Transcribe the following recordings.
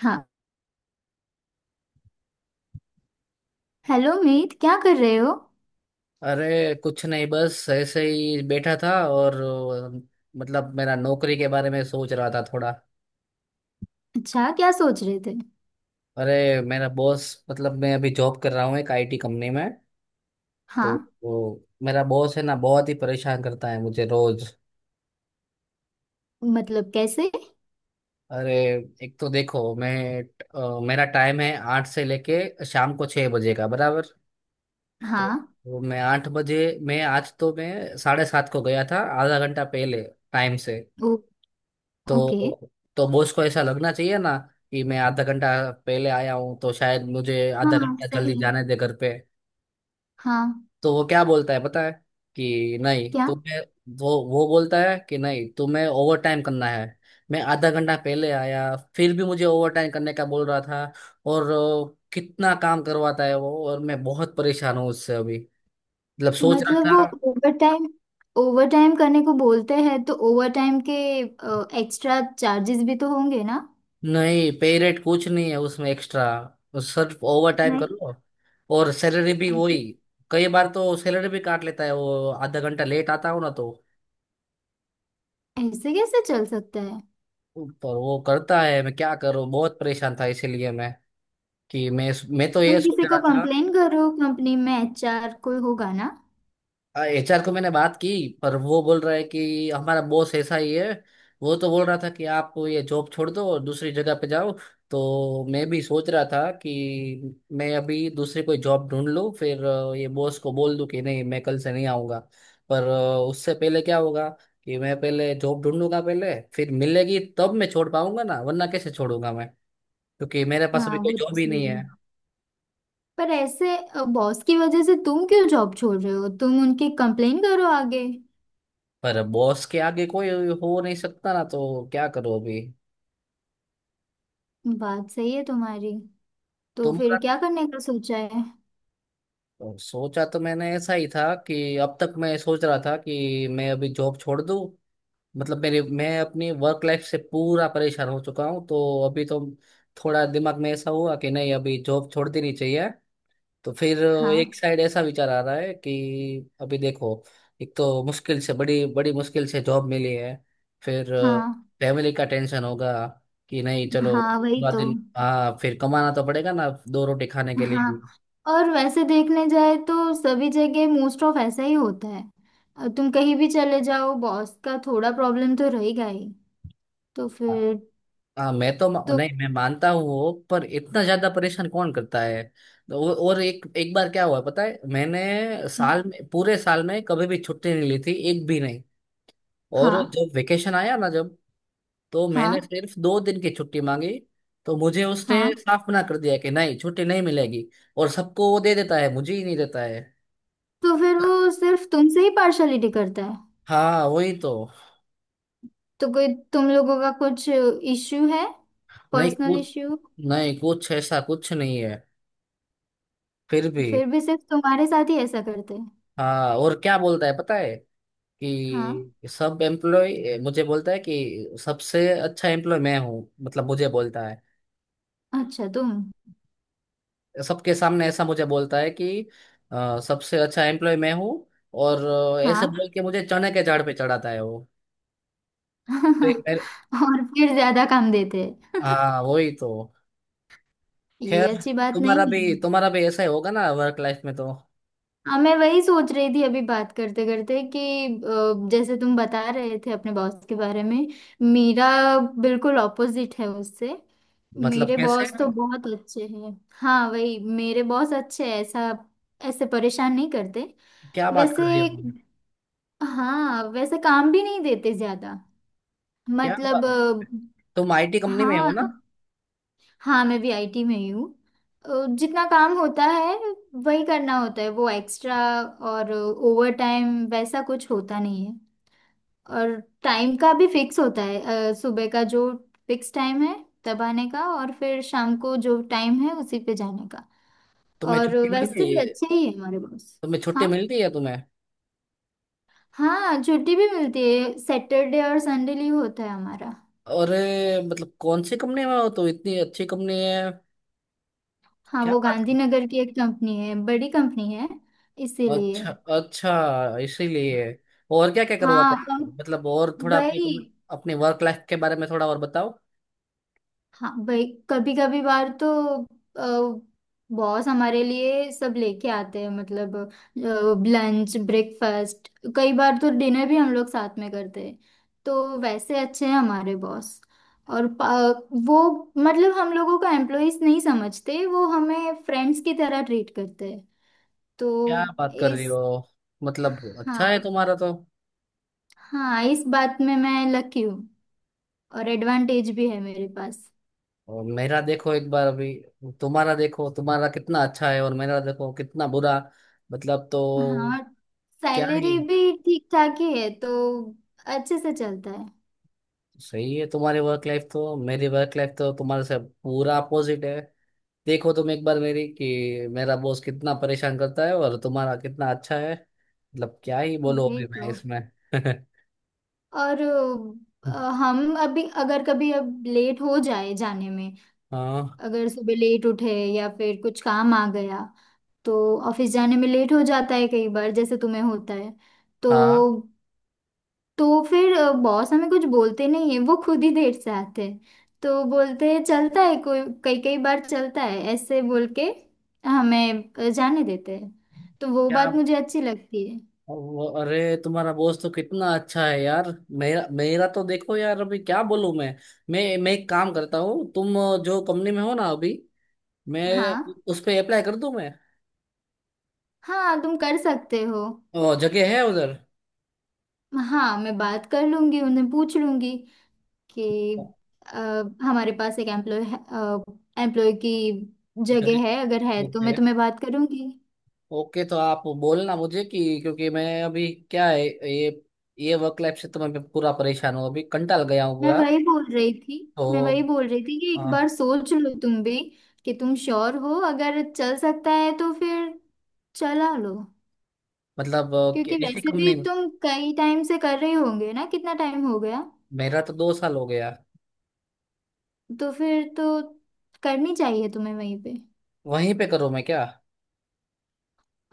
हाँ। हेलो मीत, क्या कर रहे हो? अरे कुछ नहीं, बस ऐसे ही बैठा था और मतलब मेरा नौकरी के बारे में सोच रहा था थोड़ा। अच्छा, क्या सोच रहे थे? अरे, मेरा बॉस, मतलब मैं अभी जॉब कर रहा हूँ एक आईटी कंपनी में। तो हाँ। वो मेरा बॉस है ना, बहुत ही परेशान करता है मुझे रोज। मतलब कैसे? अरे, एक तो देखो मैं, मेरा टाइम है 8 से लेके शाम को 6 बजे का बराबर। तो हाँ। वो मैं 8 बजे, मैं आज तो मैं 7:30 को गया था, आधा घंटा पहले टाइम से। ओ, ओके। तो तो बॉस को ऐसा लगना चाहिए ना कि मैं आधा घंटा पहले आया हूँ तो शायद मुझे आधा हाँ, घंटा सही जल्दी है। जाने दे घर पे। हाँ। तो वो क्या बोलता है पता है? कि नहीं क्या? तुम्हें, वो बोलता है कि नहीं तुम्हें ओवर टाइम करना है। मैं आधा घंटा पहले आया, फिर भी मुझे ओवर टाइम करने का बोल रहा था। और कितना काम करवाता है वो, और मैं बहुत परेशान हूँ उससे अभी। मतलब सोच रहा मतलब वो था। ओवर टाइम, ओवर टाइम करने को बोलते हैं तो ओवर टाइम के एक्स्ट्रा चार्जेस भी तो होंगे ना? नहीं, पे रेट कुछ नहीं है उसमें एक्स्ट्रा, सिर्फ ओवर टाइम नहीं। करो, और सैलरी भी वही। ऐसे? कई बार तो सैलरी भी काट लेता है वो, आधा घंटा लेट आता हूँ ना तो। ऐसे कैसे चल सकता है? पर वो करता है, मैं क्या करूँ, बहुत परेशान था इसीलिए मैं, कि मैं, तो ये तुम सोच किसी को रहा था। कंप्लेन करो, कंपनी में एचआर कोई होगा ना। एचआर को मैंने बात की, पर वो बोल रहा है कि हमारा बॉस ऐसा ही है। वो तो बोल रहा था कि आप ये जॉब छोड़ दो और दूसरी जगह पे जाओ। तो मैं भी सोच रहा था कि मैं अभी दूसरी कोई जॉब ढूंढ लूँ, फिर ये बॉस को बोल दूँ कि नहीं मैं कल से नहीं आऊँगा। पर उससे पहले क्या होगा कि मैं पहले जॉब ढूंढूंगा पहले, फिर मिलेगी तब मैं छोड़ पाऊंगा ना, वरना कैसे छोड़ूंगा मैं? क्योंकि मेरे पास हाँ, अभी वो कोई तो जॉब ही नहीं सही है। है। पर ऐसे बॉस की वजह से तुम क्यों जॉब छोड़ रहे हो, तुम उनकी कंप्लेन करो आगे। पर बॉस के आगे कोई हो नहीं सकता ना, तो क्या करूँ अभी? बात सही है तुम्हारी। तो तुम फिर क्या करने का सोचा है? तो सोचा तो मैंने ऐसा ही था कि अब तक मैं सोच रहा था कि मैं अभी जॉब छोड़ दूं। मतलब मेरे, मैं अपनी वर्क लाइफ से पूरा परेशान हो चुका हूं, तो अभी तो थोड़ा दिमाग में ऐसा हुआ कि नहीं अभी जॉब छोड़ देनी चाहिए। तो फिर हाँ। एक साइड ऐसा विचार आ रहा है कि अभी देखो, एक तो मुश्किल से, बड़ी बड़ी मुश्किल से जॉब मिली है, फिर हाँ। फैमिली का टेंशन होगा कि नहीं चलो हाँ, वही पूरा तो। दिन, हाँ फिर कमाना तो पड़ेगा ना दो रोटी खाने के लिए हाँ। भी। और वैसे देखने जाए तो सभी जगह मोस्ट ऑफ ऐसा ही होता है। तुम कहीं भी चले जाओ, बॉस का थोड़ा प्रॉब्लम तो रहेगा ही। तो हाँ, फिर? हाँ मैं तो तो नहीं, मैं मानता हूँ वो, पर इतना ज्यादा परेशान कौन करता है? और एक एक बार क्या हुआ पता है, मैंने साल में, पूरे साल में कभी भी छुट्टी नहीं ली थी, एक भी नहीं। और हाँ। जब वेकेशन आया ना, जब, तो मैंने हाँ। सिर्फ 2 दिन की छुट्टी मांगी। तो मुझे उसने हाँ। साफ मना कर दिया कि नहीं छुट्टी नहीं मिलेगी। और सबको वो दे देता है, मुझे ही नहीं देता है। तो फिर वो सिर्फ तुमसे ही पार्शलिटी करता है? हाँ वही तो। तो कोई तुम लोगों का कुछ इश्यू है? नहीं पर्सनल कुछ इश्यू? नहीं कुछ, ऐसा कुछ नहीं है, फिर भी। फिर भी सिर्फ तुम्हारे साथ ही ऐसा करते हैं? हाँ, और क्या बोलता है पता है? हाँ। कि सब एम्प्लॉय मुझे बोलता है कि सबसे अच्छा एम्प्लॉय मैं हूँ, मतलब मुझे बोलता है। अच्छा, तुम। सबके सामने ऐसा मुझे बोलता है कि सबसे अच्छा एम्प्लॉय मैं हूँ। और ऐसे हाँ। बोल के मुझे चने के झाड़ पे चढ़ाता है वो। तो एक मेरे- और फिर ज्यादा काम देते हैं। हाँ वही तो। ये खैर, अच्छी बात तुम्हारा नहीं है। भी, ऐसा ही होगा ना वर्क लाइफ में तो। हाँ, मैं वही सोच रही थी अभी बात करते करते कि जैसे तुम बता रहे थे अपने बॉस के बारे में, मेरा बिल्कुल ऑपोजिट है उससे। मतलब मेरे कैसे? बॉस तो बहुत अच्छे हैं। हाँ, वही, मेरे बॉस अच्छे हैं ऐसा। ऐसे परेशान नहीं करते। क्या बात वैसे कर रही हो? हाँ, वैसे काम भी नहीं देते ज्यादा। क्या मतलब बात, तुम आईटी कंपनी में हो हाँ। ना? हाँ, मैं भी आईटी में ही हूँ। जितना काम होता है वही करना होता है, वो एक्स्ट्रा और ओवर टाइम वैसा कुछ होता नहीं है। और टाइम का भी फिक्स होता है। सुबह का जो फिक्स टाइम है तब आने का, और फिर शाम को जो टाइम है उसी पे जाने का। तुम्हें और छुट्टी वैसे मिलती भी है अच्छे ही है हमारे बॉस। तुम्हें छुट्टी हाँ। मिलती है तुम्हें? हाँ, छुट्टी भी मिलती है, सैटरडे और संडे लीव होता है हमारा। अरे, मतलब कौन सी कंपनी में हो तो इतनी अच्छी कंपनी है? हाँ, क्या वो बात कर। गांधीनगर की एक कंपनी है, बड़ी कंपनी है। इसीलिए। अच्छा, अच्छा इसीलिए। और क्या क्या करवाते हाँ। हैं, और मतलब, और थोड़ा अपनी वही। अपनी वर्क लाइफ के बारे में थोड़ा और बताओ। हाँ भाई, कभी कभी बार तो बॉस हमारे लिए सब लेके आते हैं, मतलब लंच, ब्रेकफास्ट, कई बार तो डिनर भी हम लोग साथ में करते हैं। तो वैसे अच्छे हैं हमारे बॉस। और पा- वो, मतलब हम लोगों को एम्प्लॉइज नहीं समझते, वो हमें फ्रेंड्स की तरह ट्रीट करते हैं। क्या तो बात कर रही इस, हो? मतलब अच्छा है हाँ। तुम्हारा तो। हाँ, इस बात में मैं लकी हूँ। और एडवांटेज भी है मेरे पास। और मेरा देखो एक बार अभी, तुम्हारा देखो तुम्हारा कितना अच्छा है और मेरा देखो कितना बुरा, मतलब तो हाँ, क्या ही। सैलरी भी ठीक ठाक ही है, तो अच्छे से चलता है। सही है तुम्हारी वर्क लाइफ तो, मेरी वर्क लाइफ तो तुम्हारे से पूरा अपोजिट है। देखो तुम एक बार मेरी, कि मेरा बॉस कितना परेशान करता है और तुम्हारा कितना अच्छा है, मतलब क्या ही बोलो वही अभी मैं तो। इसमें। और हम अभी अगर कभी अब लेट हो जाए जाने में, हाँ, अगर सुबह लेट उठे या फिर कुछ काम आ गया, तो ऑफिस जाने में लेट हो जाता है कई बार, जैसे तुम्हें होता है। तो हाँ तो फिर बॉस हमें कुछ बोलते नहीं है, वो खुद ही देर से आते हैं। तो बोलते हैं चलता है कोई, कई कई बार चलता है ऐसे बोल के हमें जाने देते हैं। तो वो क्या? बात मुझे अच्छी लगती है। वो, अरे तुम्हारा बॉस तो कितना अच्छा है यार। मेरा मेरा तो देखो यार, अभी क्या बोलूं मैं? मैं एक काम करता हूँ, तुम जो कंपनी में हो ना अभी, मैं हाँ। उस पे अप्लाई कर दूं मैं? हाँ, तुम कर सकते हो। जगह है उधर? हाँ, मैं बात कर लूंगी, उन्हें पूछ लूंगी कि अ, हमारे पास एक एम्प्लॉय, एम्प्लॉय की जगह, जगह है अगर, है तो ओके। मैं तुम्हें बात करूंगी। ओके, तो आप बोलना मुझे, कि क्योंकि मैं अभी क्या है, ये, वर्क लाइफ से तो मैं पूरा परेशान हूँ अभी, कंटाल गया हूँ मैं पूरा। वही बोल रही थी। मैं वही तो बोल रही थी कि एक बार हाँ। सोच लो तुम भी कि तुम श्योर हो, अगर चल सकता है तो फिर चला लो। मतलब कि क्योंकि ऐसी वैसे भी कंपनी में, तुम कई टाइम से कर रहे होंगे ना, कितना टाइम हो गया? मेरा तो 2 साल हो गया। तो फिर तो करनी चाहिए तुम्हें वहीं पे। वहीं पे करूँ मैं क्या?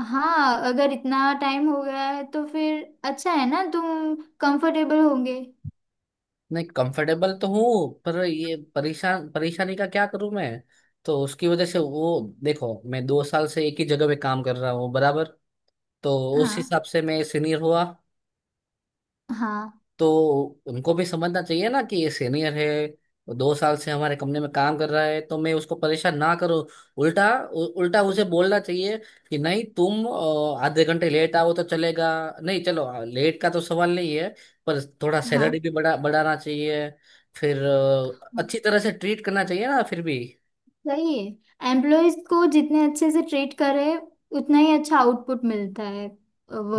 हाँ, अगर इतना टाइम हो गया है तो फिर अच्छा है ना, तुम कंफर्टेबल होंगे। नहीं, कंफर्टेबल तो हूँ पर ये परेशान, परेशानी का क्या करूँ मैं? तो उसकी वजह से वो, देखो मैं 2 साल से एक ही जगह पे काम कर रहा हूँ बराबर। तो उस हाँ। हिसाब से मैं सीनियर हुआ। हाँ। तो उनको भी समझना चाहिए ना कि ये सीनियर है, वो 2 साल से हमारे कंपनी में काम कर रहा है तो मैं उसको परेशान ना करूं। उल्टा, उल्टा उसे बोलना चाहिए कि नहीं तुम आधे घंटे लेट आओ तो चलेगा। नहीं, चलो लेट का तो सवाल नहीं है, पर थोड़ा हाँ। सैलरी भी बढ़ाना चाहिए। फिर अच्छी हाँ। तरह से ट्रीट करना चाहिए ना फिर भी। सही है, एम्प्लॉयज को जितने अच्छे से ट्रीट करे उतना ही अच्छा आउटपुट मिलता है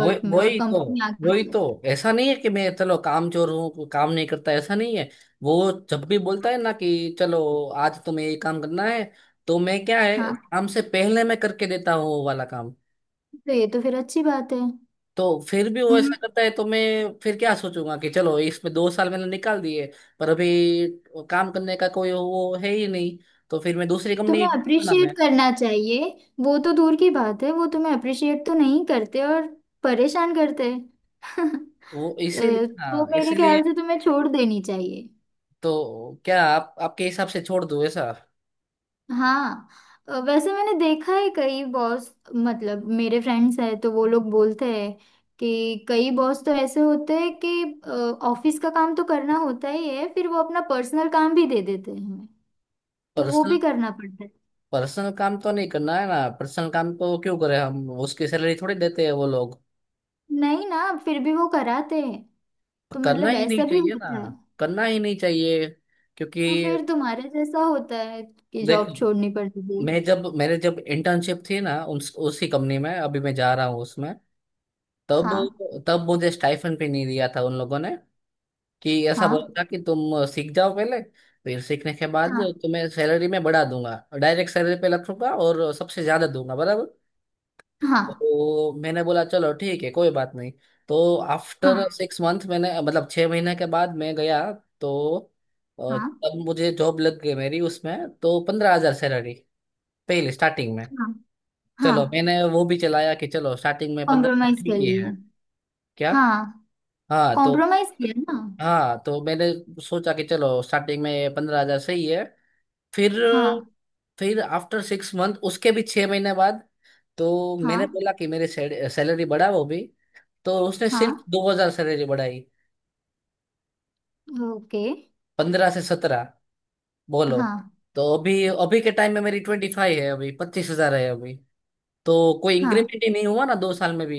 वो में, और वही तो, कंपनी आगे वही बढ़ती है। तो। ऐसा नहीं है कि मैं, चलो काम चोर हूँ, काम नहीं करता, ऐसा नहीं है। वो जब भी बोलता है ना कि चलो आज तुम्हें ये काम करना है, तो मैं क्या है, हाँ, काम से पहले मैं करके देता हूँ वो वाला काम। तो ये तो फिर अच्छी बात है। तो फिर भी वो उम्म, ऐसा करता है, तो मैं फिर क्या सोचूंगा कि चलो इसमें 2 साल मैंने निकाल दिए। पर अभी काम करने का कोई वो है ही नहीं, तो फिर मैं दूसरी कंपनी तुम्हें ढूंढूंगा ना मैं। अप्रिशिएट करना चाहिए। वो तो दूर की बात है, वो तुम्हें अप्रिशिएट तो नहीं करते और परेशान करते हैं। वो इसीलिए, तो हाँ मेरे इसीलिए। ख्याल से तुम्हें छोड़ देनी चाहिए। तो क्या आप, आपके हिसाब से छोड़ दूं ऐसा? हाँ। वैसे मैंने देखा है, कई बॉस, मतलब मेरे फ्रेंड्स हैं तो वो लोग बोलते हैं कि कई बॉस तो ऐसे होते हैं कि ऑफिस का काम तो करना होता ही है, फिर वो अपना पर्सनल काम भी दे देते हैं हमें। तो पर वो भी करना पड़ता है। पर्सनल काम तो नहीं करना है ना, पर्सनल काम को क्यों करें हम, उसकी सैलरी थोड़ी देते हैं वो लोग। नहीं ना, फिर भी वो कराते हैं। तो करना मतलब ही ऐसा नहीं भी चाहिए ना, होता है। करना ही नहीं चाहिए। क्योंकि तो फिर तुम्हारे जैसा होता है कि देखो, जॉब छोड़नी पड़ती थी। मैं जब, मेरे जब इंटर्नशिप थी ना, उसी कंपनी में अभी मैं जा रहा हूँ उसमें, तब, हाँ। मुझे स्टाइफन भी नहीं दिया था उन लोगों ने। कि ऐसा हाँ। बोला था कि तुम सीख जाओ पहले, फिर सीखने के बाद हाँ। तुम्हें सैलरी में बढ़ा दूंगा, डायरेक्ट सैलरी पे रखूंगा और सबसे ज्यादा दूंगा बराबर। हाँ। तो मैंने बोला चलो ठीक है, कोई बात नहीं। तो आफ्टर हाँ। सिक्स मंथ मैंने, मतलब 6 महीने के बाद मैं गया। तो हाँ। तब मुझे जॉब लग गई मेरी, उसमें तो 15,000 सैलरी पहले स्टार्टिंग में। हाँ। हाँ। चलो मैंने वो भी चलाया कि चलो स्टार्टिंग में 15 कॉम्प्रोमाइज कर ठीक ही लिया? है। क्या? हाँ। हाँ तो, कॉम्प्रोमाइज किया ना। हाँ तो मैंने सोचा कि चलो स्टार्टिंग में 15,000 सही है। फिर, हाँ। आफ्टर सिक्स मंथ, उसके भी 6 महीने बाद तो मैंने हाँ। बोला कि मेरी सैलरी बढ़ाओ भी। तो उसने हाँ। सिर्फ 2000 से रेंज बढ़ाई, ओके। 15 से 17 बोलो। हाँ। तो अभी, अभी के टाइम में मेरी 25 है अभी, 25,000 है अभी, तो कोई हाँ। इंक्रीमेंट ही नहीं हुआ ना 2 साल में भी।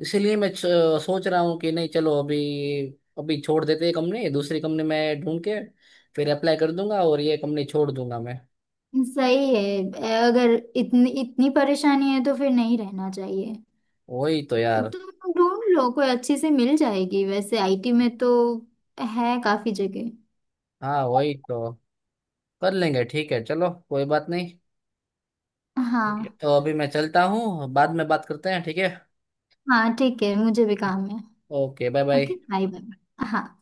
इसीलिए मैं सोच रहा हूँ कि नहीं, चलो अभी, अभी छोड़ देते हैं कंपनी, दूसरी कंपनी में ढूंढ के फिर अप्लाई कर दूंगा और ये कंपनी छोड़ दूंगा मैं। सही है। अगर इतनी इतनी परेशानी है तो फिर नहीं रहना चाहिए। वही तो यार। तुम ढूंढ लो, कोई अच्छी से मिल जाएगी, वैसे आईटी में तो है काफी जगह। हाँ वही तो, कर लेंगे, ठीक है चलो कोई बात नहीं। ठीक है। हाँ। तो अभी मैं चलता हूँ, बाद में बात करते हैं, ठीक है? हाँ ठीक है, मुझे भी काम है। Okay, bye okay, bye. Bye bye. हाँ।